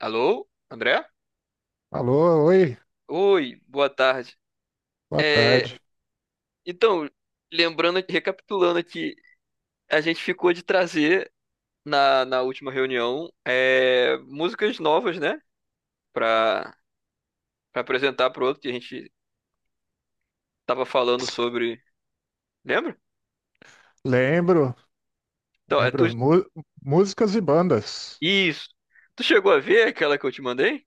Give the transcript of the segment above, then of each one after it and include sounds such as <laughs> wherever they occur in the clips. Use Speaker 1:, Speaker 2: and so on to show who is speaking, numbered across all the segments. Speaker 1: Alô, André?
Speaker 2: Alô, oi,
Speaker 1: Oi, boa tarde.
Speaker 2: boa
Speaker 1: É,
Speaker 2: tarde.
Speaker 1: então, lembrando, recapitulando aqui, a gente ficou de trazer na última reunião músicas novas, né? Pra, pra apresentar pro outro que a gente tava falando sobre. Lembra?
Speaker 2: Lembro,
Speaker 1: Então, é tu...
Speaker 2: lembro, músicas e bandas.
Speaker 1: Isso. Tu chegou a ver aquela que eu te mandei?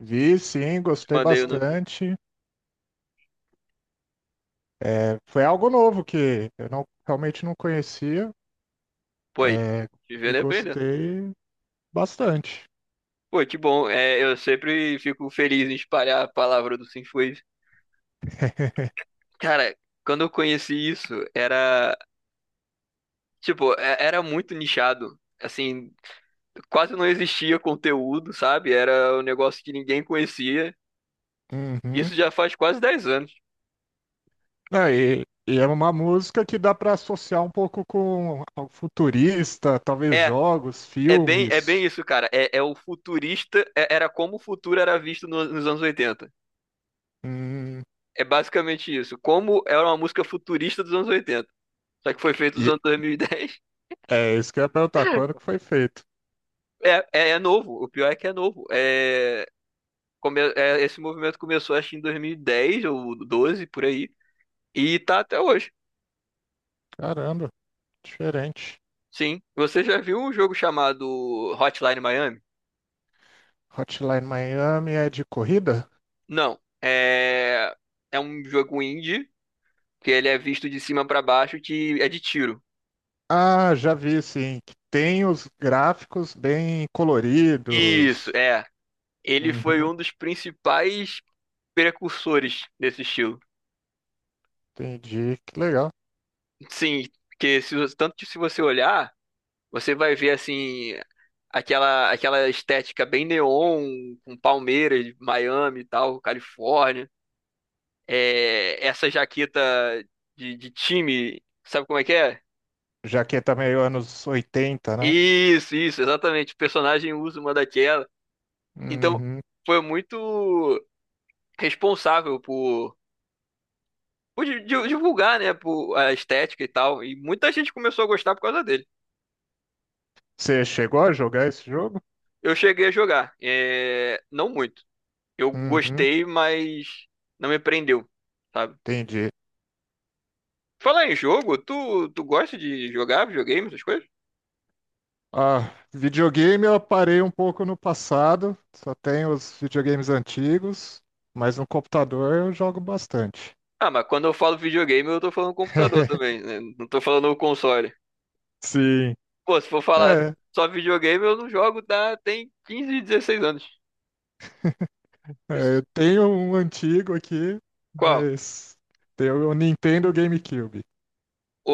Speaker 2: Vi, sim,
Speaker 1: Te
Speaker 2: gostei
Speaker 1: mandei o nome.
Speaker 2: bastante. É, foi algo novo que eu não, realmente não conhecia,
Speaker 1: Pô, aí,
Speaker 2: é,
Speaker 1: te
Speaker 2: e
Speaker 1: vendo e aprendendo.
Speaker 2: gostei bastante.
Speaker 1: Pô, que bom. É, eu sempre fico feliz em espalhar a palavra do Sinfoes.
Speaker 2: <laughs>
Speaker 1: Cara, quando eu conheci isso, era. Tipo, era muito nichado. Assim, quase não existia conteúdo, sabe? Era um negócio que ninguém conhecia.
Speaker 2: Uhum.
Speaker 1: Isso já faz quase 10 anos.
Speaker 2: Não, e é uma música que dá para associar um pouco com algo futurista, talvez
Speaker 1: É,
Speaker 2: jogos,
Speaker 1: é bem
Speaker 2: filmes.
Speaker 1: isso, cara. É o futurista, era como o futuro era visto nos anos oitenta.
Speaker 2: Hum,
Speaker 1: É basicamente isso. Como era uma música futurista dos anos oitenta. Só que foi feito nos
Speaker 2: e
Speaker 1: anos 2010.
Speaker 2: é isso que eu ia perguntar, quando que foi feito?
Speaker 1: É novo. O pior é que é novo. Esse movimento começou, acho, que em 2010 ou 12 por aí. E tá até hoje.
Speaker 2: Caramba, diferente.
Speaker 1: Sim. Você já viu um jogo chamado Hotline Miami?
Speaker 2: Hotline Miami é de corrida?
Speaker 1: Não. É, é um jogo indie, que ele é visto de cima pra baixo, que é de tiro.
Speaker 2: Ah, já vi, sim, que tem os gráficos bem
Speaker 1: Isso,
Speaker 2: coloridos.
Speaker 1: é. Ele foi
Speaker 2: Uhum,
Speaker 1: um dos principais precursores desse estilo.
Speaker 2: entendi, que legal.
Speaker 1: Sim, que se, você- tanto que se você olhar, você vai ver assim aquela estética bem neon, com Palmeiras, Miami e tal, Califórnia. É, essa jaqueta de time, sabe como é que é?
Speaker 2: Já que é também anos 80, né?
Speaker 1: Isso, exatamente. O personagem usa uma daquela. Então,
Speaker 2: Uhum.
Speaker 1: foi muito responsável por divulgar, né, por a estética e tal. E muita gente começou a gostar por causa dele.
Speaker 2: Você chegou a jogar esse jogo?
Speaker 1: Eu cheguei a jogar, é, não muito. Eu
Speaker 2: Uhum,
Speaker 1: gostei, mas não me prendeu, sabe?
Speaker 2: entendi.
Speaker 1: Falar em jogo, tu gosta de jogar videogame, essas coisas?
Speaker 2: Ah, videogame eu parei um pouco no passado, só tenho os videogames antigos, mas no computador eu jogo bastante.
Speaker 1: Ah, mas quando eu falo videogame, eu tô falando computador
Speaker 2: <laughs>
Speaker 1: também, né? Não tô falando o console.
Speaker 2: Sim.
Speaker 1: Pô, se for falar
Speaker 2: É,
Speaker 1: só videogame, eu não jogo, tá? Tem 15, 16 anos.
Speaker 2: É,
Speaker 1: Esse-
Speaker 2: eu tenho um antigo aqui,
Speaker 1: Qual?
Speaker 2: mas tem o Nintendo GameCube.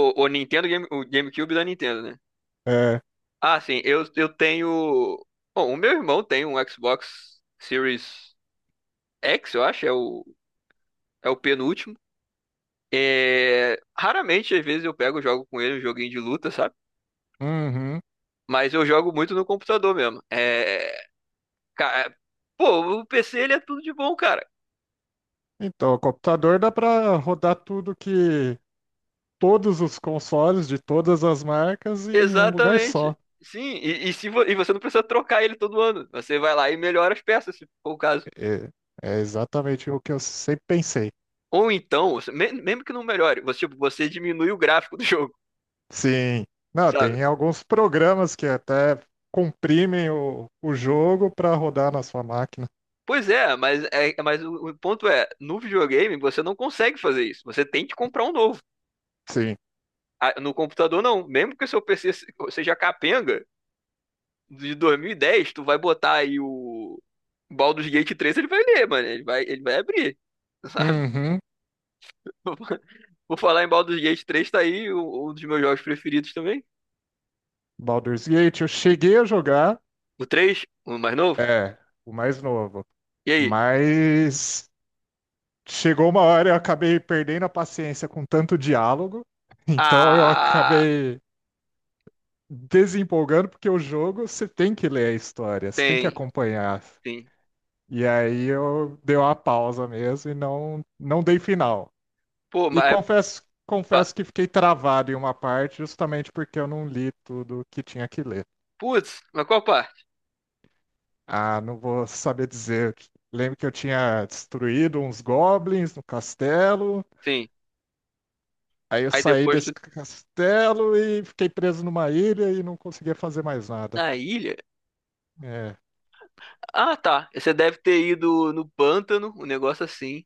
Speaker 1: O GameCube da Nintendo, né?
Speaker 2: É.
Speaker 1: Ah, sim, eu tenho. Bom, o meu irmão tem um Xbox Series X, eu acho, é o penúltimo. É... Raramente, às vezes, eu pego e jogo com ele um joguinho de luta, sabe?
Speaker 2: Uhum.
Speaker 1: Mas eu jogo muito no computador mesmo. Ca- é, Pô, o PC ele é tudo de bom, cara.
Speaker 2: Então, o computador dá para rodar tudo que todos os consoles de todas as marcas em um lugar só.
Speaker 1: Exatamente. Sim, e, se vo- e você não precisa trocar ele todo ano. Você vai lá e melhora as peças, se for o caso.
Speaker 2: É, é, exatamente o que eu sempre pensei.
Speaker 1: Ou então, mesmo que não melhore, você, tipo, você diminui o gráfico do <laughs> jogo,
Speaker 2: Sim. Não,
Speaker 1: sabe?
Speaker 2: tem alguns programas que até comprimem o jogo para rodar na sua máquina.
Speaker 1: Pois é, mas o ponto é, no videogame você não consegue fazer isso. Você tem que comprar um novo.
Speaker 2: Sim.
Speaker 1: Ah, no computador não. Mesmo que o seu PC seja capenga de dois mil e dez, tu vai botar aí o Baldur's Gate três, ele vai ler, mano. Ele vai abrir, <laughs> sabe?
Speaker 2: Uhum.
Speaker 1: Por falar em Baldur's Gate três, tá aí um dos meus jogos preferidos também.
Speaker 2: Baldur's Gate, eu cheguei a jogar.
Speaker 1: O três, o mais novo.
Speaker 2: É, o mais novo.
Speaker 1: E aí?
Speaker 2: Mas chegou uma hora eu acabei perdendo a paciência com tanto diálogo, <laughs> então eu
Speaker 1: Ah,
Speaker 2: acabei desempolgando, porque o jogo você tem que ler a história, você tem que
Speaker 1: tem,
Speaker 2: acompanhar.
Speaker 1: sim.
Speaker 2: E aí eu dei uma pausa mesmo e não dei final.
Speaker 1: Pô,
Speaker 2: E
Speaker 1: mas.
Speaker 2: confesso,
Speaker 1: pa-
Speaker 2: confesso que fiquei travado em uma parte justamente porque eu não li tudo que tinha que ler.
Speaker 1: Putz, mas qual parte?
Speaker 2: Ah, não vou saber dizer. Lembro que eu tinha destruído uns goblins no castelo.
Speaker 1: Sim.
Speaker 2: Aí eu
Speaker 1: Aí
Speaker 2: saí
Speaker 1: depois tu.
Speaker 2: desse castelo e fiquei preso numa ilha e não conseguia fazer mais nada.
Speaker 1: Na ilha?
Speaker 2: É.
Speaker 1: Ah, tá. Você deve ter ido no pântano, um negócio assim.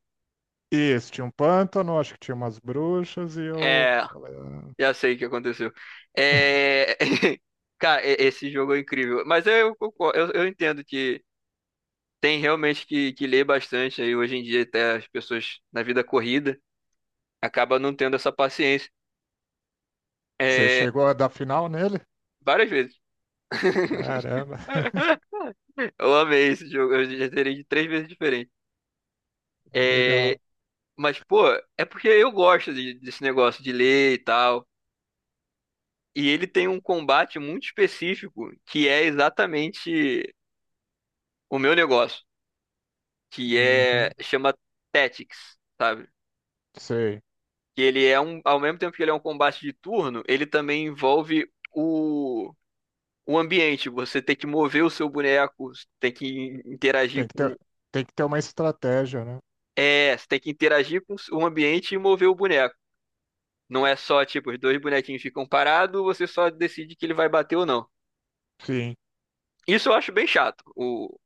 Speaker 2: Isso, tinha um pântano, acho que tinha umas bruxas e eu
Speaker 1: É,
Speaker 2: falei, "Ah,
Speaker 1: já sei o que aconteceu. É. <laughs> Cara, esse jogo é incrível. Eu entendo que tem realmente que ler bastante aí hoje em dia, até as pessoas na vida corrida, acaba não tendo essa paciência.
Speaker 2: Você
Speaker 1: É,
Speaker 2: chegou a dar final nele?
Speaker 1: várias vezes.
Speaker 2: Caramba, <laughs>
Speaker 1: <laughs> Eu amei esse jogo, eu já terei de três vezes diferente.
Speaker 2: legal.
Speaker 1: É, pô, é porque eu gosto desse negócio de ler e tal. E ele tem um combate muito específico que é exatamente o meu negócio, que é
Speaker 2: Uhum,
Speaker 1: chama Tactics, sabe?
Speaker 2: sei.
Speaker 1: Que ele é um, ao mesmo tempo que ele é um combate de turno, ele também envolve o ambiente. Você tem que mover o seu boneco, tem que
Speaker 2: Tem
Speaker 1: interagir
Speaker 2: que
Speaker 1: com.
Speaker 2: ter, tem que ter uma estratégia, né?
Speaker 1: É, você tem que interagir com o ambiente e mover o boneco. Não é só, tipo, os dois bonequinhos ficam parados, você só decide que ele vai bater ou não.
Speaker 2: Sim.
Speaker 1: Isso eu acho bem chato,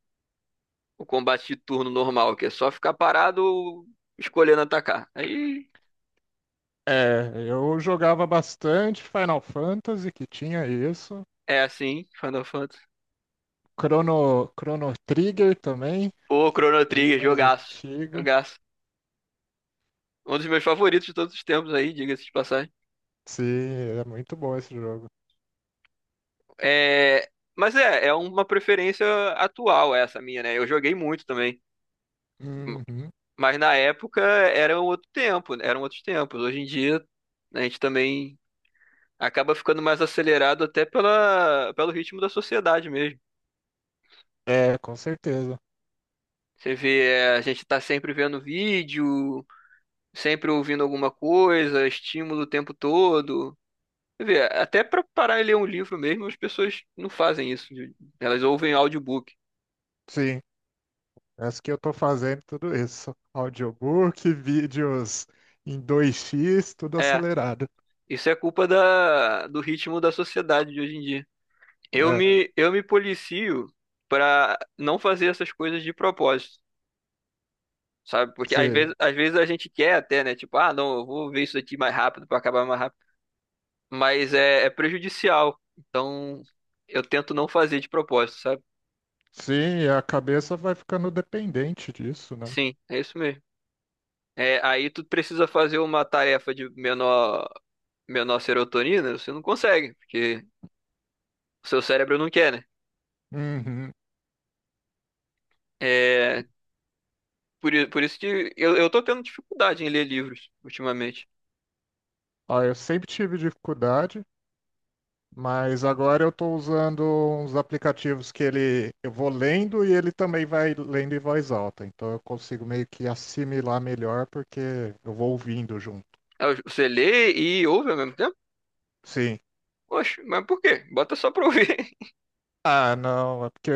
Speaker 1: o combate de turno normal, que é só ficar parado escolhendo atacar. Aí
Speaker 2: É, eu jogava bastante Final Fantasy, que tinha isso.
Speaker 1: é assim, Final Fantasy.
Speaker 2: Chrono Trigger também,
Speaker 1: Ô, Chrono
Speaker 2: bem
Speaker 1: Trigger,
Speaker 2: mais
Speaker 1: jogaço.
Speaker 2: antigo.
Speaker 1: Jogaço. Um dos meus favoritos de todos os tempos aí, diga-se de passagem.
Speaker 2: Sim, é muito bom esse jogo.
Speaker 1: É, mas é, é uma preferência atual essa minha, né? Eu joguei muito também.
Speaker 2: Uhum.
Speaker 1: Mas na época era um outro tempo, eram outros tempos. Hoje em dia a gente também acaba ficando mais acelerado até pelo ritmo da sociedade mesmo.
Speaker 2: É, com certeza.
Speaker 1: Você vê, é, a gente tá sempre vendo vídeo, sempre ouvindo alguma coisa, estímulo o tempo todo. Você vê, até para parar e ler um livro mesmo, as pessoas não fazem isso. Elas ouvem audiobook.
Speaker 2: Sim, essa que eu tô fazendo tudo isso. Audiobook, vídeos em 2x tudo
Speaker 1: É,
Speaker 2: acelerado.
Speaker 1: isso é culpa do ritmo da sociedade de hoje em dia.
Speaker 2: É,
Speaker 1: Eu me policio pra não fazer essas coisas de propósito, sabe? Porque
Speaker 2: sim.
Speaker 1: às vezes a gente quer até, né? Tipo, ah, não, eu vou ver isso aqui mais rápido pra acabar mais rápido. Mas é, é prejudicial. Então, eu tento não fazer de propósito, sabe?
Speaker 2: Sim, e a cabeça vai ficando dependente disso, né?
Speaker 1: Sim, é isso mesmo. É, aí tu precisa fazer uma tarefa de menor, menor serotonina, você não consegue, porque o seu cérebro não quer, né?
Speaker 2: Uhum.
Speaker 1: É, por isso que eu tô tendo dificuldade em ler livros ultimamente.
Speaker 2: Ah, eu sempre tive dificuldade, mas agora eu tô usando uns aplicativos que ele eu vou lendo e ele também vai lendo em voz alta. Então eu consigo meio que assimilar melhor porque eu vou ouvindo junto.
Speaker 1: Ah, você lê e ouve ao mesmo tempo?
Speaker 2: Sim.
Speaker 1: Oxe, mas por quê? Bota só pra ouvir.
Speaker 2: Ah, não, é porque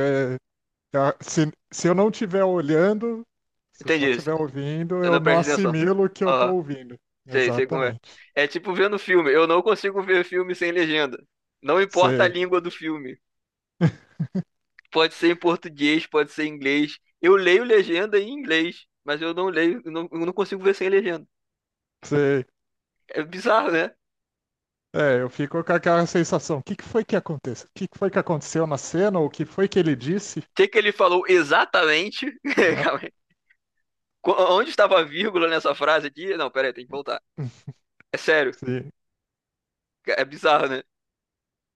Speaker 2: se eu não estiver olhando,
Speaker 1: <laughs>
Speaker 2: se eu só
Speaker 1: Entendi.
Speaker 2: estiver ouvindo,
Speaker 1: Eu
Speaker 2: eu
Speaker 1: não
Speaker 2: não
Speaker 1: presto. É, atenção.
Speaker 2: assimilo o que eu estou
Speaker 1: Aham,
Speaker 2: ouvindo.
Speaker 1: sei, sei como é.
Speaker 2: Exatamente.
Speaker 1: É tipo vendo filme. Eu não consigo ver filme sem legenda. Não importa a
Speaker 2: Sei,
Speaker 1: língua do filme. Pode ser em português, pode ser em inglês. Eu leio legenda em inglês, mas eu não leio, eu não consigo ver sem legenda.
Speaker 2: sei.
Speaker 1: É bizarro, né? O
Speaker 2: É, eu fico com aquela sensação. O que que foi que aconteceu? O que que foi que aconteceu na cena? Ou o que foi que ele disse?
Speaker 1: que que ele falou exatamente? <laughs>
Speaker 2: Ah,
Speaker 1: Calma aí. Onde estava a vírgula nessa frase aqui? Não, peraí, tem que voltar.
Speaker 2: <laughs>
Speaker 1: É sério.
Speaker 2: Sim,
Speaker 1: É bizarro, né?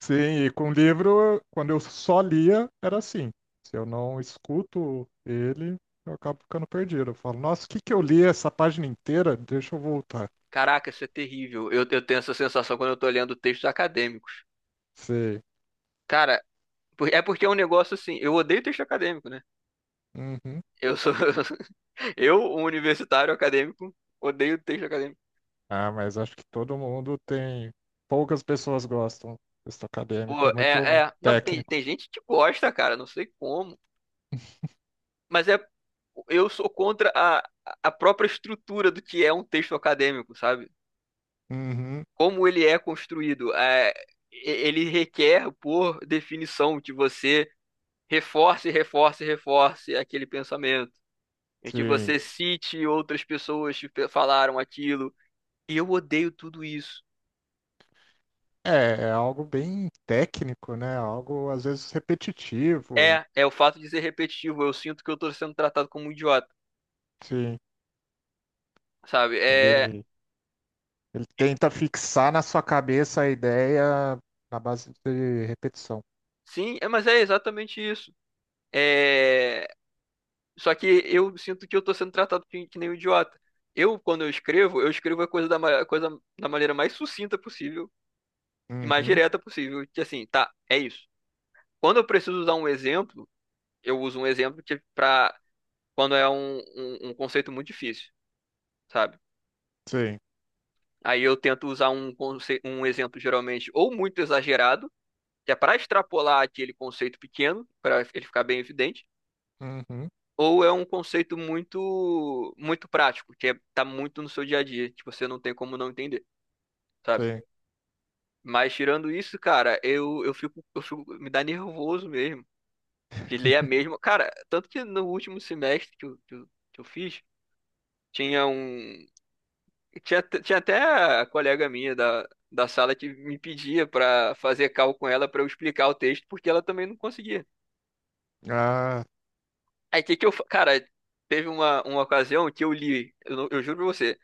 Speaker 2: sim, e com o livro, quando eu só lia, era assim. Se eu não escuto ele, eu acabo ficando perdido. Eu falo, nossa, o que que eu li essa página inteira? Deixa eu voltar.
Speaker 1: Caraca, isso é terrível. Eu tenho essa sensação quando eu tô lendo textos acadêmicos.
Speaker 2: Sei.
Speaker 1: Cara, é porque é um negócio assim. Eu odeio texto acadêmico, né?
Speaker 2: Uhum.
Speaker 1: Eu sou. <laughs> Eu, um universitário acadêmico, odeio texto acadêmico.
Speaker 2: Ah, mas acho que todo mundo tem. Poucas pessoas gostam. Texto acadêmico
Speaker 1: Pô,
Speaker 2: é muito
Speaker 1: é, é. Não, tem,
Speaker 2: técnico.
Speaker 1: tem gente que gosta, cara, não sei como. Mas é. Eu sou contra a própria estrutura do que é um texto acadêmico, sabe?
Speaker 2: Uhum,
Speaker 1: Como ele é construído. Ele requer, por definição, que você reforce, reforce, reforce aquele pensamento em que
Speaker 2: sim.
Speaker 1: você cite outras pessoas que falaram aquilo. E eu odeio tudo isso.
Speaker 2: É, algo bem técnico, né? Algo às vezes repetitivo.
Speaker 1: É, é o fato de ser repetitivo. Eu sinto que eu tô sendo tratado como um idiota,
Speaker 2: Sim.
Speaker 1: sabe?
Speaker 2: Ele, ele tenta fixar na sua cabeça a ideia na base de repetição.
Speaker 1: Mas é exatamente isso. É, só que eu sinto que eu tô sendo tratado que nem um idiota. Quando eu escrevo a coisa da maneira mais sucinta possível e mais
Speaker 2: Uhum,
Speaker 1: direta possível. Que assim, tá, é isso. Quando eu preciso usar um exemplo, eu uso um exemplo quando é um, um conceito muito difícil, sabe?
Speaker 2: sim.
Speaker 1: Aí eu tento usar um, um exemplo geralmente ou muito exagerado, que é para extrapolar aquele conceito pequeno, para ele ficar bem evidente,
Speaker 2: Uhum,
Speaker 1: ou é um conceito muito prático, que é, tá muito no seu dia a dia, que você não tem como não entender, sabe?
Speaker 2: sim.
Speaker 1: Mas tirando isso, cara, eu fico, me dá nervoso mesmo de ler a mesma.
Speaker 2: <laughs>
Speaker 1: Cara, tanto que no último semestre que que eu fiz, tinha um. Tinha, tinha até a colega minha da sala que me pedia pra fazer call com ela pra eu explicar o texto, porque ela também não conseguia.
Speaker 2: Ah,
Speaker 1: Aí que eu. Cara, teve uma ocasião que eu li, eu, não- eu juro pra você,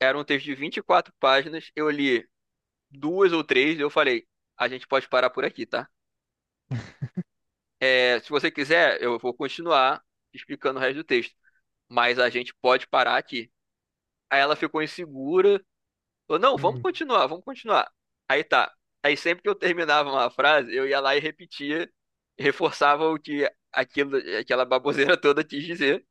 Speaker 1: era um texto de 24 páginas, eu li duas ou três, e eu falei, a gente pode parar por aqui, tá? É, se você quiser, eu vou continuar explicando o resto do texto, mas a gente pode parar aqui. Aí ela ficou insegura, falou, não, vamos
Speaker 2: hum,
Speaker 1: continuar, vamos continuar. Aí tá. Aí sempre que eu terminava uma frase, eu ia lá e repetia, reforçava o que aquilo, aquela baboseira toda quis dizer,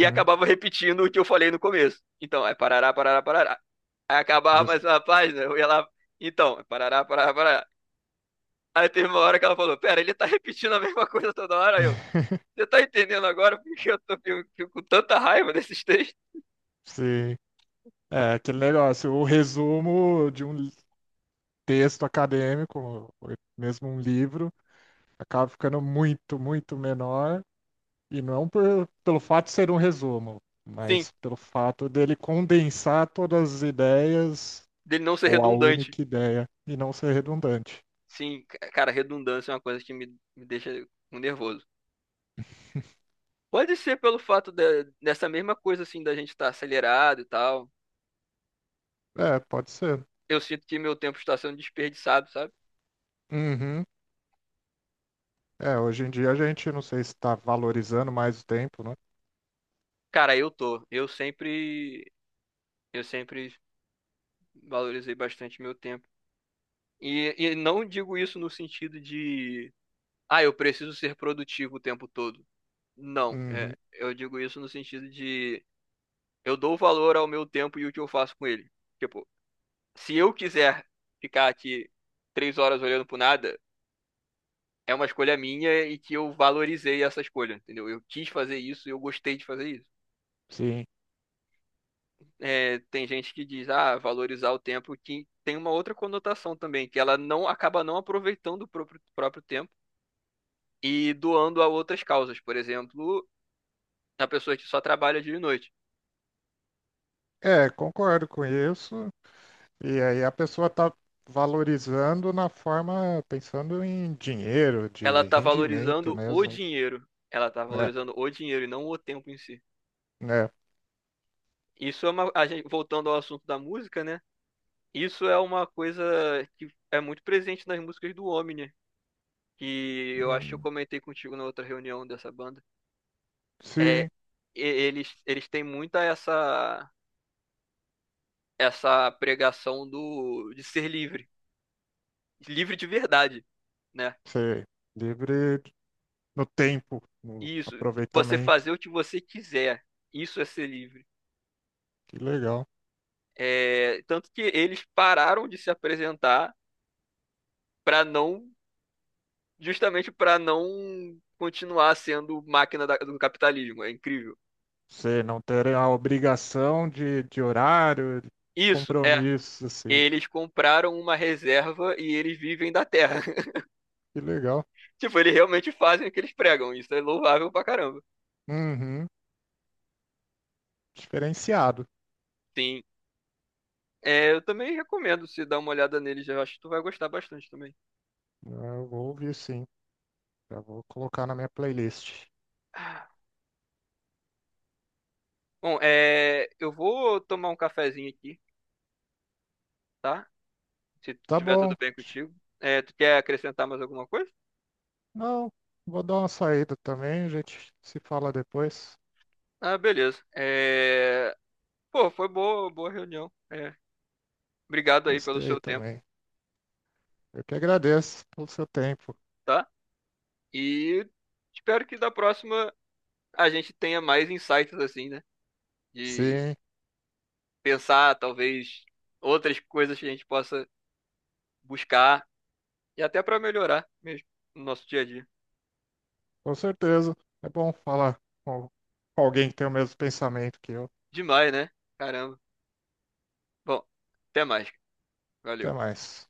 Speaker 1: e acabava repetindo o que eu falei no começo. Então, é parará, parará, parará. Aí acabava
Speaker 2: jus-
Speaker 1: mais uma página, eu ia lá, então, é parará, parará, parará. Aí teve uma hora que ela falou, pera, ele tá repetindo a mesma coisa toda hora. Aí eu. Você tá entendendo agora porque eu tô fico, fico com tanta raiva desses textos?
Speaker 2: sim. É aquele negócio, o resumo de um, texto acadêmico, ou mesmo um livro, acaba ficando muito, muito menor. E não é um pelo fato de ser um resumo,
Speaker 1: Sim,
Speaker 2: mas pelo fato dele condensar todas as ideias
Speaker 1: dele não ser
Speaker 2: ou a
Speaker 1: redundante.
Speaker 2: única ideia e não ser redundante.
Speaker 1: Sim, cara, redundância é uma coisa que me deixa nervoso. Pode ser pelo fato dessa mesma coisa, assim, da gente estar acelerado e tal.
Speaker 2: É, pode ser.
Speaker 1: Eu sinto que meu tempo está sendo desperdiçado, sabe?
Speaker 2: Uhum. É, hoje em dia a gente não sei se está valorizando mais o tempo, né?
Speaker 1: Cara, eu tô. Eu sempre valorizei bastante meu tempo. E não digo isso no sentido de, ah, eu preciso ser produtivo o tempo todo. Não, é,
Speaker 2: Uhum.
Speaker 1: eu digo isso no sentido de, eu dou valor ao meu tempo e o que eu faço com ele. Tipo, se eu quiser ficar aqui três horas olhando pro nada, é uma escolha minha e que eu valorizei essa escolha, entendeu? Eu quis fazer isso e eu gostei de fazer isso.
Speaker 2: Sim.
Speaker 1: É, tem gente que diz, ah, valorizar o tempo, que tem uma outra conotação também, que ela não acaba não aproveitando o próprio tempo e doando a outras causas. Por exemplo, a pessoa que só trabalha dia e noite,
Speaker 2: É, concordo com isso. E aí a pessoa tá valorizando na forma, pensando em dinheiro,
Speaker 1: ela
Speaker 2: de
Speaker 1: tá
Speaker 2: rendimento
Speaker 1: valorizando o
Speaker 2: mesmo,
Speaker 1: dinheiro. Ela tá
Speaker 2: né?
Speaker 1: valorizando o dinheiro e não o tempo em si.
Speaker 2: Né?
Speaker 1: Isso é uma, a gente, voltando ao assunto da música, né? Isso é uma coisa que é muito presente nas músicas do Omni, que eu acho que eu
Speaker 2: Hum,
Speaker 1: comentei contigo na outra reunião dessa banda. É,
Speaker 2: sim,
Speaker 1: eles têm muita essa essa pregação do de ser livre, livre de verdade, né?
Speaker 2: sei. Livre no tempo, no
Speaker 1: Isso, você
Speaker 2: aproveitamento.
Speaker 1: fazer o que você quiser, isso é ser livre.
Speaker 2: Que legal.
Speaker 1: É, tanto que eles pararam de se apresentar para não, justamente para não continuar sendo máquina do capitalismo. É incrível.
Speaker 2: Você não ter a obrigação de, horário, de
Speaker 1: Isso. É,
Speaker 2: compromisso, assim.
Speaker 1: eles compraram uma reserva e eles vivem da terra. <laughs>
Speaker 2: Que legal.
Speaker 1: Tipo, eles realmente fazem o que eles pregam. Isso é louvável pra caramba.
Speaker 2: Uhum. Diferenciado.
Speaker 1: Sim. É, eu também recomendo se dar uma olhada neles. Eu acho que tu vai gostar bastante também.
Speaker 2: Eu vou ouvir sim. Já vou colocar na minha playlist.
Speaker 1: <sighs> Bom, é, eu vou tomar um cafezinho aqui, tá? Se
Speaker 2: Tá
Speaker 1: tiver
Speaker 2: bom.
Speaker 1: tudo bem contigo. É, tu quer acrescentar mais alguma coisa?
Speaker 2: Não, vou dar uma saída também, a gente se fala depois.
Speaker 1: Ah, beleza. É, pô, foi boa, boa reunião. É, obrigado aí pelo
Speaker 2: Gostei
Speaker 1: seu tempo,
Speaker 2: também. Eu que agradeço pelo seu tempo.
Speaker 1: tá? E espero que da próxima a gente tenha mais insights assim, né? De
Speaker 2: Sim,
Speaker 1: pensar, talvez, outras coisas que a gente possa buscar e até para melhorar mesmo no nosso dia a dia.
Speaker 2: com certeza. É bom falar com alguém que tem o mesmo pensamento que eu.
Speaker 1: Demais, né? Caramba. Bom, até mais.
Speaker 2: Até
Speaker 1: Valeu.
Speaker 2: mais.